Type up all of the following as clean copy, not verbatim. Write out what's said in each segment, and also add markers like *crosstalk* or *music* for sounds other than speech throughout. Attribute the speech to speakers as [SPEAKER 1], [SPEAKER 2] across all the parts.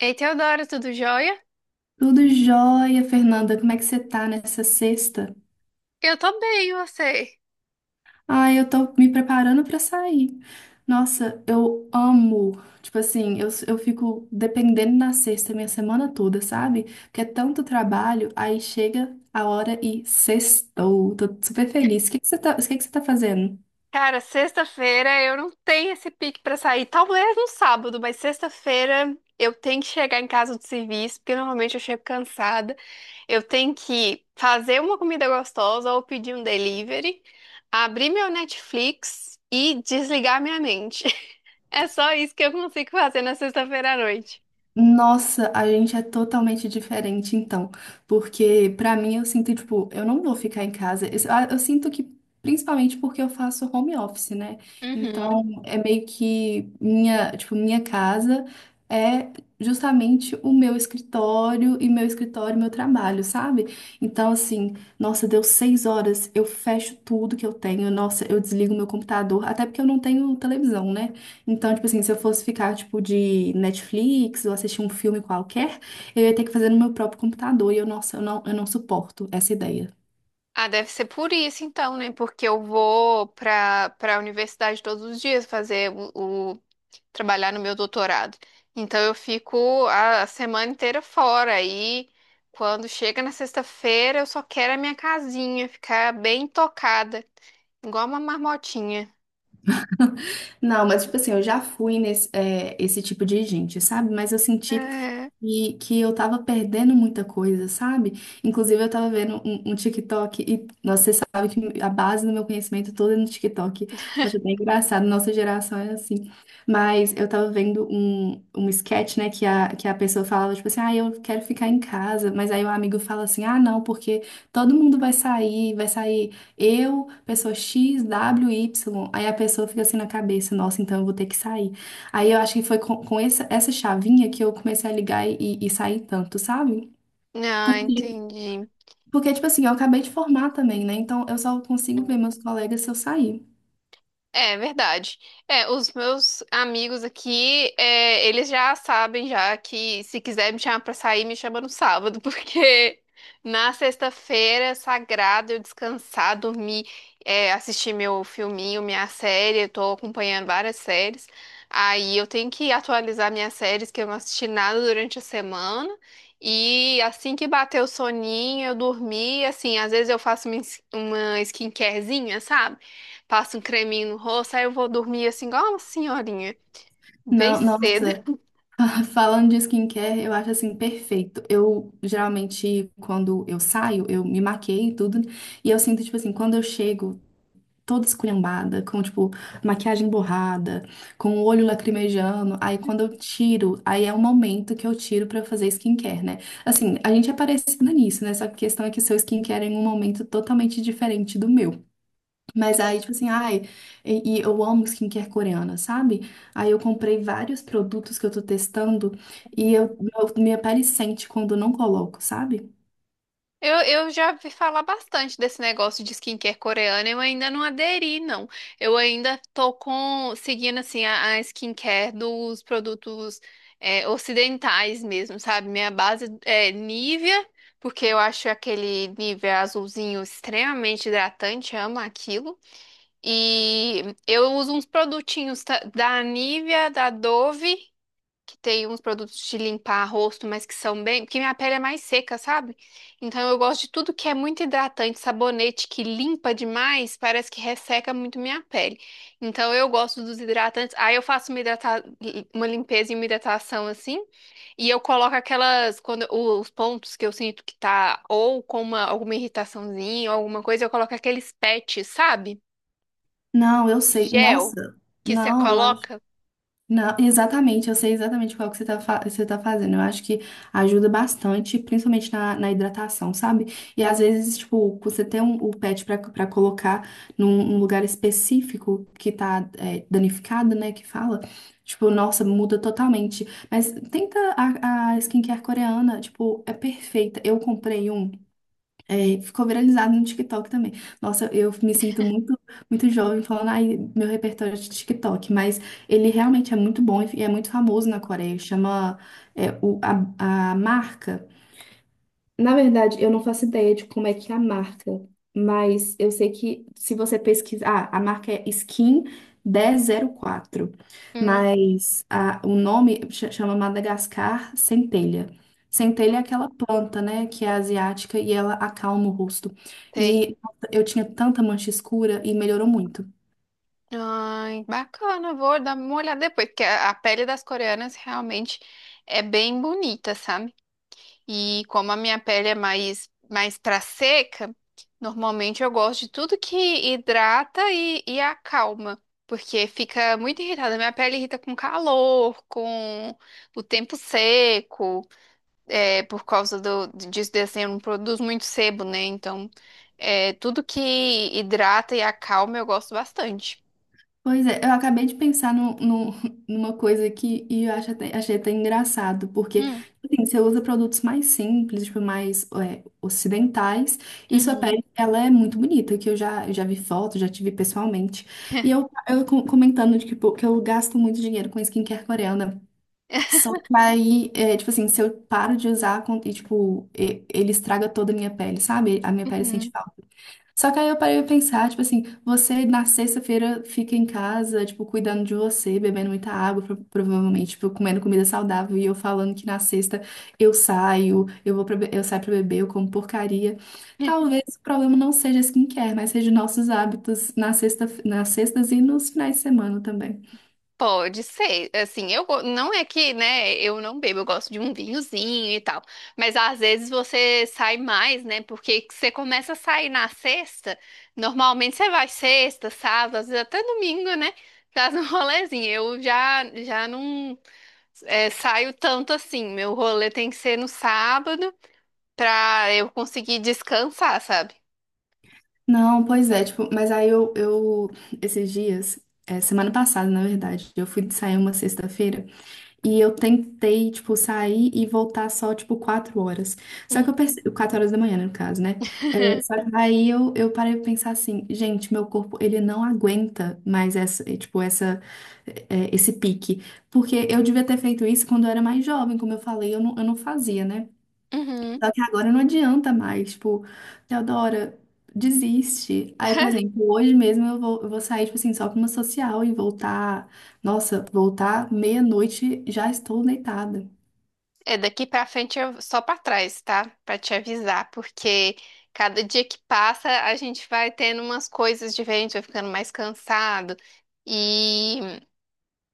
[SPEAKER 1] Ei, Teodora, tudo jóia?
[SPEAKER 2] Tudo jóia, Fernanda. Como é que você tá nessa sexta?
[SPEAKER 1] Eu tô bem, e você?
[SPEAKER 2] Ah, eu tô me preparando pra sair. Nossa, eu amo. Tipo assim, eu fico dependendo da sexta minha semana toda, sabe? Porque é tanto trabalho, aí chega a hora e sextou. Tô super feliz. O que que você tá fazendo?
[SPEAKER 1] Cara, sexta-feira eu não tenho esse pique pra sair. Talvez no sábado, mas sexta-feira eu tenho que chegar em casa do serviço, porque normalmente eu chego cansada. Eu tenho que fazer uma comida gostosa ou pedir um delivery, abrir meu Netflix e desligar minha mente. *laughs* É só isso que eu consigo fazer na sexta-feira à noite.
[SPEAKER 2] Nossa, a gente é totalmente diferente então, porque pra mim eu sinto tipo, eu não vou ficar em casa. Eu, ah, eu sinto que principalmente porque eu faço home office, né? Então, é meio que minha, tipo, minha casa é justamente o meu escritório e meu escritório, meu trabalho, sabe? Então, assim, nossa, deu seis horas, eu fecho tudo que eu tenho, nossa, eu desligo meu computador, até porque eu não tenho televisão, né? Então, tipo assim, se eu fosse ficar, tipo, de Netflix ou assistir um filme qualquer, eu ia ter que fazer no meu próprio computador e eu não suporto essa ideia.
[SPEAKER 1] Ah, deve ser por isso então, né? Porque eu vou para a universidade todos os dias fazer trabalhar no meu doutorado. Então eu fico a semana inteira fora e quando chega na sexta-feira eu só quero a minha casinha, ficar bem tocada, igual uma marmotinha.
[SPEAKER 2] *laughs* Não, mas, tipo assim, eu já fui nesse, é, esse tipo de gente, sabe? Mas eu senti
[SPEAKER 1] Uhum.
[SPEAKER 2] e que eu tava perdendo muita coisa, sabe? Inclusive, eu tava vendo um TikTok, e nossa, você sabe que a base do meu conhecimento todo é no TikTok. Acho bem engraçado, nossa geração é assim. Mas eu tava vendo um sketch, né, que a pessoa falava, tipo assim, ah, eu quero ficar em casa. Mas aí o amigo fala assim, ah, não, porque todo mundo vai sair eu, pessoa X, W, Y. Aí a pessoa fica assim na cabeça, nossa, então eu vou ter que sair. Aí eu acho que foi com essa, essa chavinha que eu comecei a ligar e sair tanto, sabe?
[SPEAKER 1] Ah,
[SPEAKER 2] Porque,
[SPEAKER 1] entendi.
[SPEAKER 2] porque, tipo assim, eu acabei de formar também, né? Então eu só consigo ver meus colegas se eu sair.
[SPEAKER 1] É verdade. É, os meus amigos aqui, é, eles já sabem já que se quiser me chamar pra sair, me chama no sábado, *laughs* porque na sexta-feira, é sagrado, eu descansar, dormir, é, assistir meu filminho, minha série, eu tô acompanhando várias séries. Aí eu tenho que atualizar minhas séries, que eu não assisti nada durante a semana. E assim que bater o soninho, eu dormi, assim, às vezes eu faço uma skincarezinha, sabe? Passo um creminho no rosto, aí eu vou dormir assim, igual uma senhorinha, bem
[SPEAKER 2] Não,
[SPEAKER 1] cedo.
[SPEAKER 2] nossa, *laughs* falando de skincare, eu acho assim perfeito. Eu geralmente, quando eu saio, eu me maqueio e tudo, e eu sinto, tipo assim, quando eu chego. Toda esculhambada, com, tipo, maquiagem borrada, com o olho lacrimejando. Aí quando eu tiro, aí é o momento que eu tiro pra fazer skincare, né? Assim, a gente é parecida nisso, né? Só que a questão é que seu skincare é em um momento totalmente diferente do meu. Mas aí, tipo assim, ai, e eu amo skincare coreana, sabe? Aí eu comprei vários produtos que eu tô testando
[SPEAKER 1] Uhum.
[SPEAKER 2] e eu, meu- minha pele sente quando eu não coloco, sabe?
[SPEAKER 1] Eu, eu já vi falar bastante desse negócio de skincare coreana, eu ainda não aderi, não. Eu ainda tô com, seguindo, assim, a skincare dos produtos é, ocidentais mesmo, sabe? Minha base é Nivea, porque eu acho aquele Nivea azulzinho extremamente hidratante, amo aquilo. E eu uso uns produtinhos da Nivea, da Dove que tem uns produtos de limpar rosto, mas que são bem. Porque minha pele é mais seca, sabe? Então eu gosto de tudo que é muito hidratante, sabonete que limpa demais, parece que resseca muito minha pele. Então eu gosto dos hidratantes. Aí eu faço uma, uma limpeza e uma hidratação assim, e eu coloco aquelas. Quando os pontos que eu sinto que tá ou com uma alguma irritaçãozinha ou alguma coisa, eu coloco aqueles patches, sabe?
[SPEAKER 2] Não, eu sei.
[SPEAKER 1] Gel
[SPEAKER 2] Nossa,
[SPEAKER 1] que você
[SPEAKER 2] não, eu acho.
[SPEAKER 1] coloca.
[SPEAKER 2] Não, exatamente, eu sei exatamente qual que você tá, fa- você tá fazendo. Eu acho que ajuda bastante, principalmente na, na hidratação, sabe? E às vezes, tipo, você tem um, o pet pra, pra colocar num, num lugar específico que tá é, danificado, né? Que fala, tipo, nossa, muda totalmente. Mas tenta a skincare coreana, tipo, é perfeita. Eu comprei um. É, ficou viralizado no TikTok também. Nossa, eu me sinto muito, muito jovem falando, ai, meu repertório é de TikTok, mas ele realmente é muito bom e é muito famoso na Coreia. Chama, é, o, a marca. Na verdade, eu não faço ideia de como é que é a marca, mas eu sei que se você pesquisar, ah, a marca é Skin 1004,
[SPEAKER 1] Hum,
[SPEAKER 2] mas a- o nome ch- chama Madagascar Centelha. Centelha é aquela planta, né, que é asiática e ela acalma o rosto.
[SPEAKER 1] sei.
[SPEAKER 2] E nossa, eu tinha tanta mancha escura e melhorou muito.
[SPEAKER 1] Ai, bacana, vou dar uma olhada depois, porque a pele das coreanas realmente é bem bonita, sabe? E como a minha pele é mais, mais pra seca, normalmente eu gosto de tudo que hidrata e acalma, porque fica muito irritada. Minha pele irrita com calor, com o tempo seco, é, por causa do, disso, desse, eu não produzo muito sebo, né? Então, é, tudo que hidrata e acalma eu gosto bastante.
[SPEAKER 2] Pois é, eu acabei de pensar no, no- *laughs* numa coisa aqui e eu acho até- achei até engraçado, porque
[SPEAKER 1] Hum.
[SPEAKER 2] assim, você usa produtos mais simples, tipo, mais é, ocidentais, e sua
[SPEAKER 1] Uhum.
[SPEAKER 2] pele, ela é muito bonita, que eu já, já vi foto, já tive pessoalmente. E
[SPEAKER 1] *laughs*
[SPEAKER 2] eu co- comentando de que, pô, que eu gasto muito dinheiro com skincare coreana. Só que aí, é, tipo assim, se eu paro de usar, com- e, tipo, e- ele estraga toda a minha pele, sabe? A minha pele sente
[SPEAKER 1] Uhum.
[SPEAKER 2] falta. Só que aí eu parei pra pensar, tipo assim, você na sexta-feira fica em casa, tipo, cuidando de você, bebendo muita água, pro- provavelmente, tipo, comendo comida saudável, e eu falando que na sexta eu saio, eu vou pra, be- eu saio pra beber, eu como porcaria. Talvez o problema não seja skincare, mas seja nossos hábitos na sexta, nas sextas e nos finais de semana também.
[SPEAKER 1] Pode ser, assim, não é que, né, eu não bebo, eu gosto de um vinhozinho e tal, mas às vezes você sai mais, né, porque você começa a sair na sexta, normalmente você vai sexta, sábado, às vezes até domingo, né, faz um *laughs* rolezinho, eu já não é, saio tanto assim, meu rolê tem que ser no sábado pra eu conseguir descansar, sabe?
[SPEAKER 2] Não, pois é, tipo, mas aí eu esses dias, é, semana passada, na verdade, eu fui sair uma sexta-feira. E eu tentei, tipo, sair e voltar só, tipo, quatro horas. Só que eu
[SPEAKER 1] Uhum.
[SPEAKER 2] percebi... Quatro horas da manhã, né, no caso, né? É, só
[SPEAKER 1] *laughs*
[SPEAKER 2] que aí eu parei pra pensar assim, gente, meu corpo, ele não aguenta mais essa, eh, tipo, essa, eh, esse pique. Porque eu devia ter feito isso quando eu era mais jovem, como eu falei, eu não fazia, né?
[SPEAKER 1] Uhum.
[SPEAKER 2] Só que agora não adianta mais, tipo, Teodora, desiste. Aí, por
[SPEAKER 1] *laughs*
[SPEAKER 2] exemplo, hoje mesmo eu vou sair, tipo assim, só pra uma social e voltar. Nossa, voltar meia-noite, já estou deitada.
[SPEAKER 1] É, daqui pra frente eu só pra trás, tá? Pra te avisar, porque cada dia que passa a gente vai tendo umas coisas diferentes, vai ficando mais cansado. E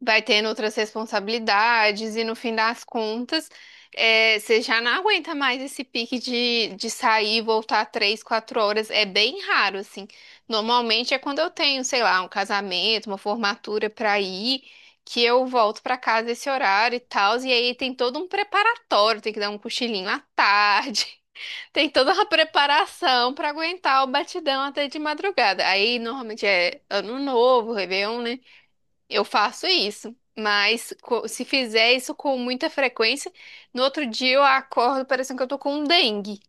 [SPEAKER 1] vai tendo outras responsabilidades e no fim das contas, é, você já não aguenta mais esse pique de sair e voltar três, quatro horas. É bem raro, assim. Normalmente é quando eu tenho, sei lá, um casamento, uma formatura para ir, que eu volto para casa esse horário e tal. E aí tem todo um preparatório, tem que dar um cochilinho à tarde, *laughs* tem toda uma preparação para aguentar o batidão até de madrugada. Aí normalmente é ano novo, Réveillon, né? Eu faço isso, mas se fizer isso com muita frequência, no outro dia eu acordo parecendo que eu tô com um dengue.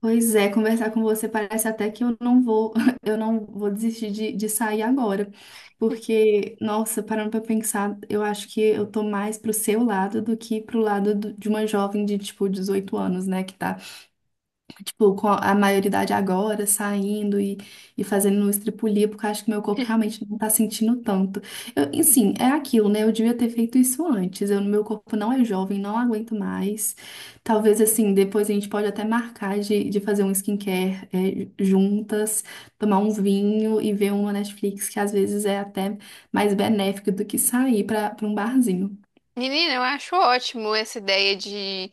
[SPEAKER 2] Pois é, conversar com você parece até que eu não vou, *laughs* eu não vou desistir de sair agora. Porque, nossa, parando pra pensar, eu acho que eu tô mais pro seu lado do que pro lado do- de uma jovem de, tipo, 18 anos, né? Que tá tipo, com a maioridade agora, saindo e fazendo um estripulia, porque eu acho que meu corpo realmente não tá sentindo tanto. Eu, e, sim, é aquilo, né? Eu devia ter feito isso antes. Eu, meu corpo não é jovem, não aguento mais. Talvez, assim, depois a gente pode até marcar de fazer um skincare, é, juntas, tomar um vinho e ver uma Netflix, que às vezes é até mais benéfico do que sair para um barzinho.
[SPEAKER 1] Menina, eu acho ótimo essa ideia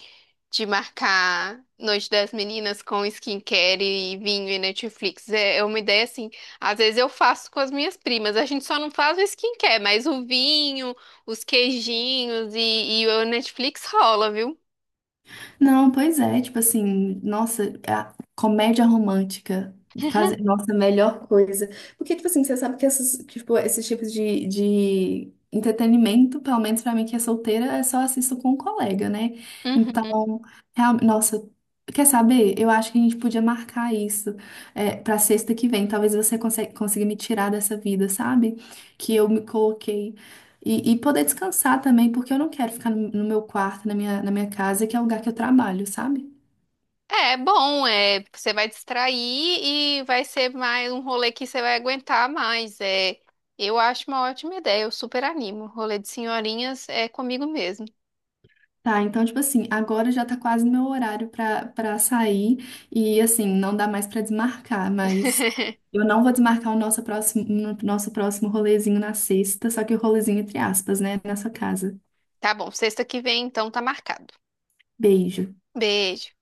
[SPEAKER 1] de marcar Noite das Meninas com skincare e vinho e Netflix. É, é uma ideia assim. Às vezes eu faço com as minhas primas. A gente só não faz o skincare, mas o vinho, os queijinhos e o Netflix rola, viu?
[SPEAKER 2] Não, pois é, tipo assim, nossa, é a comédia romântica fazer nossa a melhor coisa. Porque, tipo assim, você sabe que esses, tipo, esses tipos de entretenimento, pelo menos pra mim que é solteira, é só assisto com um colega, né?
[SPEAKER 1] Uhum.
[SPEAKER 2] Então, real- nossa, quer saber? Eu acho que a gente podia marcar isso é, pra sexta que vem. Talvez você consiga, consiga me tirar dessa vida, sabe? Que eu me coloquei. E poder descansar também, porque eu não quero ficar no, no meu quarto, na minha casa, que é o lugar que eu trabalho, sabe?
[SPEAKER 1] É bom, é, você vai distrair e vai ser mais um rolê que você vai aguentar mais. É, eu acho uma ótima ideia, eu super animo. Rolê de senhorinhas é comigo mesmo.
[SPEAKER 2] Tá, então, tipo assim, agora já tá quase no meu horário pra, pra sair. E, assim, não dá mais pra desmarcar, mas
[SPEAKER 1] *laughs*
[SPEAKER 2] eu não vou desmarcar o nosso próximo, no- nosso próximo rolezinho na sexta, só que o rolezinho entre aspas, né? Nessa casa.
[SPEAKER 1] Tá bom, sexta que vem então tá marcado.
[SPEAKER 2] Beijo.
[SPEAKER 1] Beijo.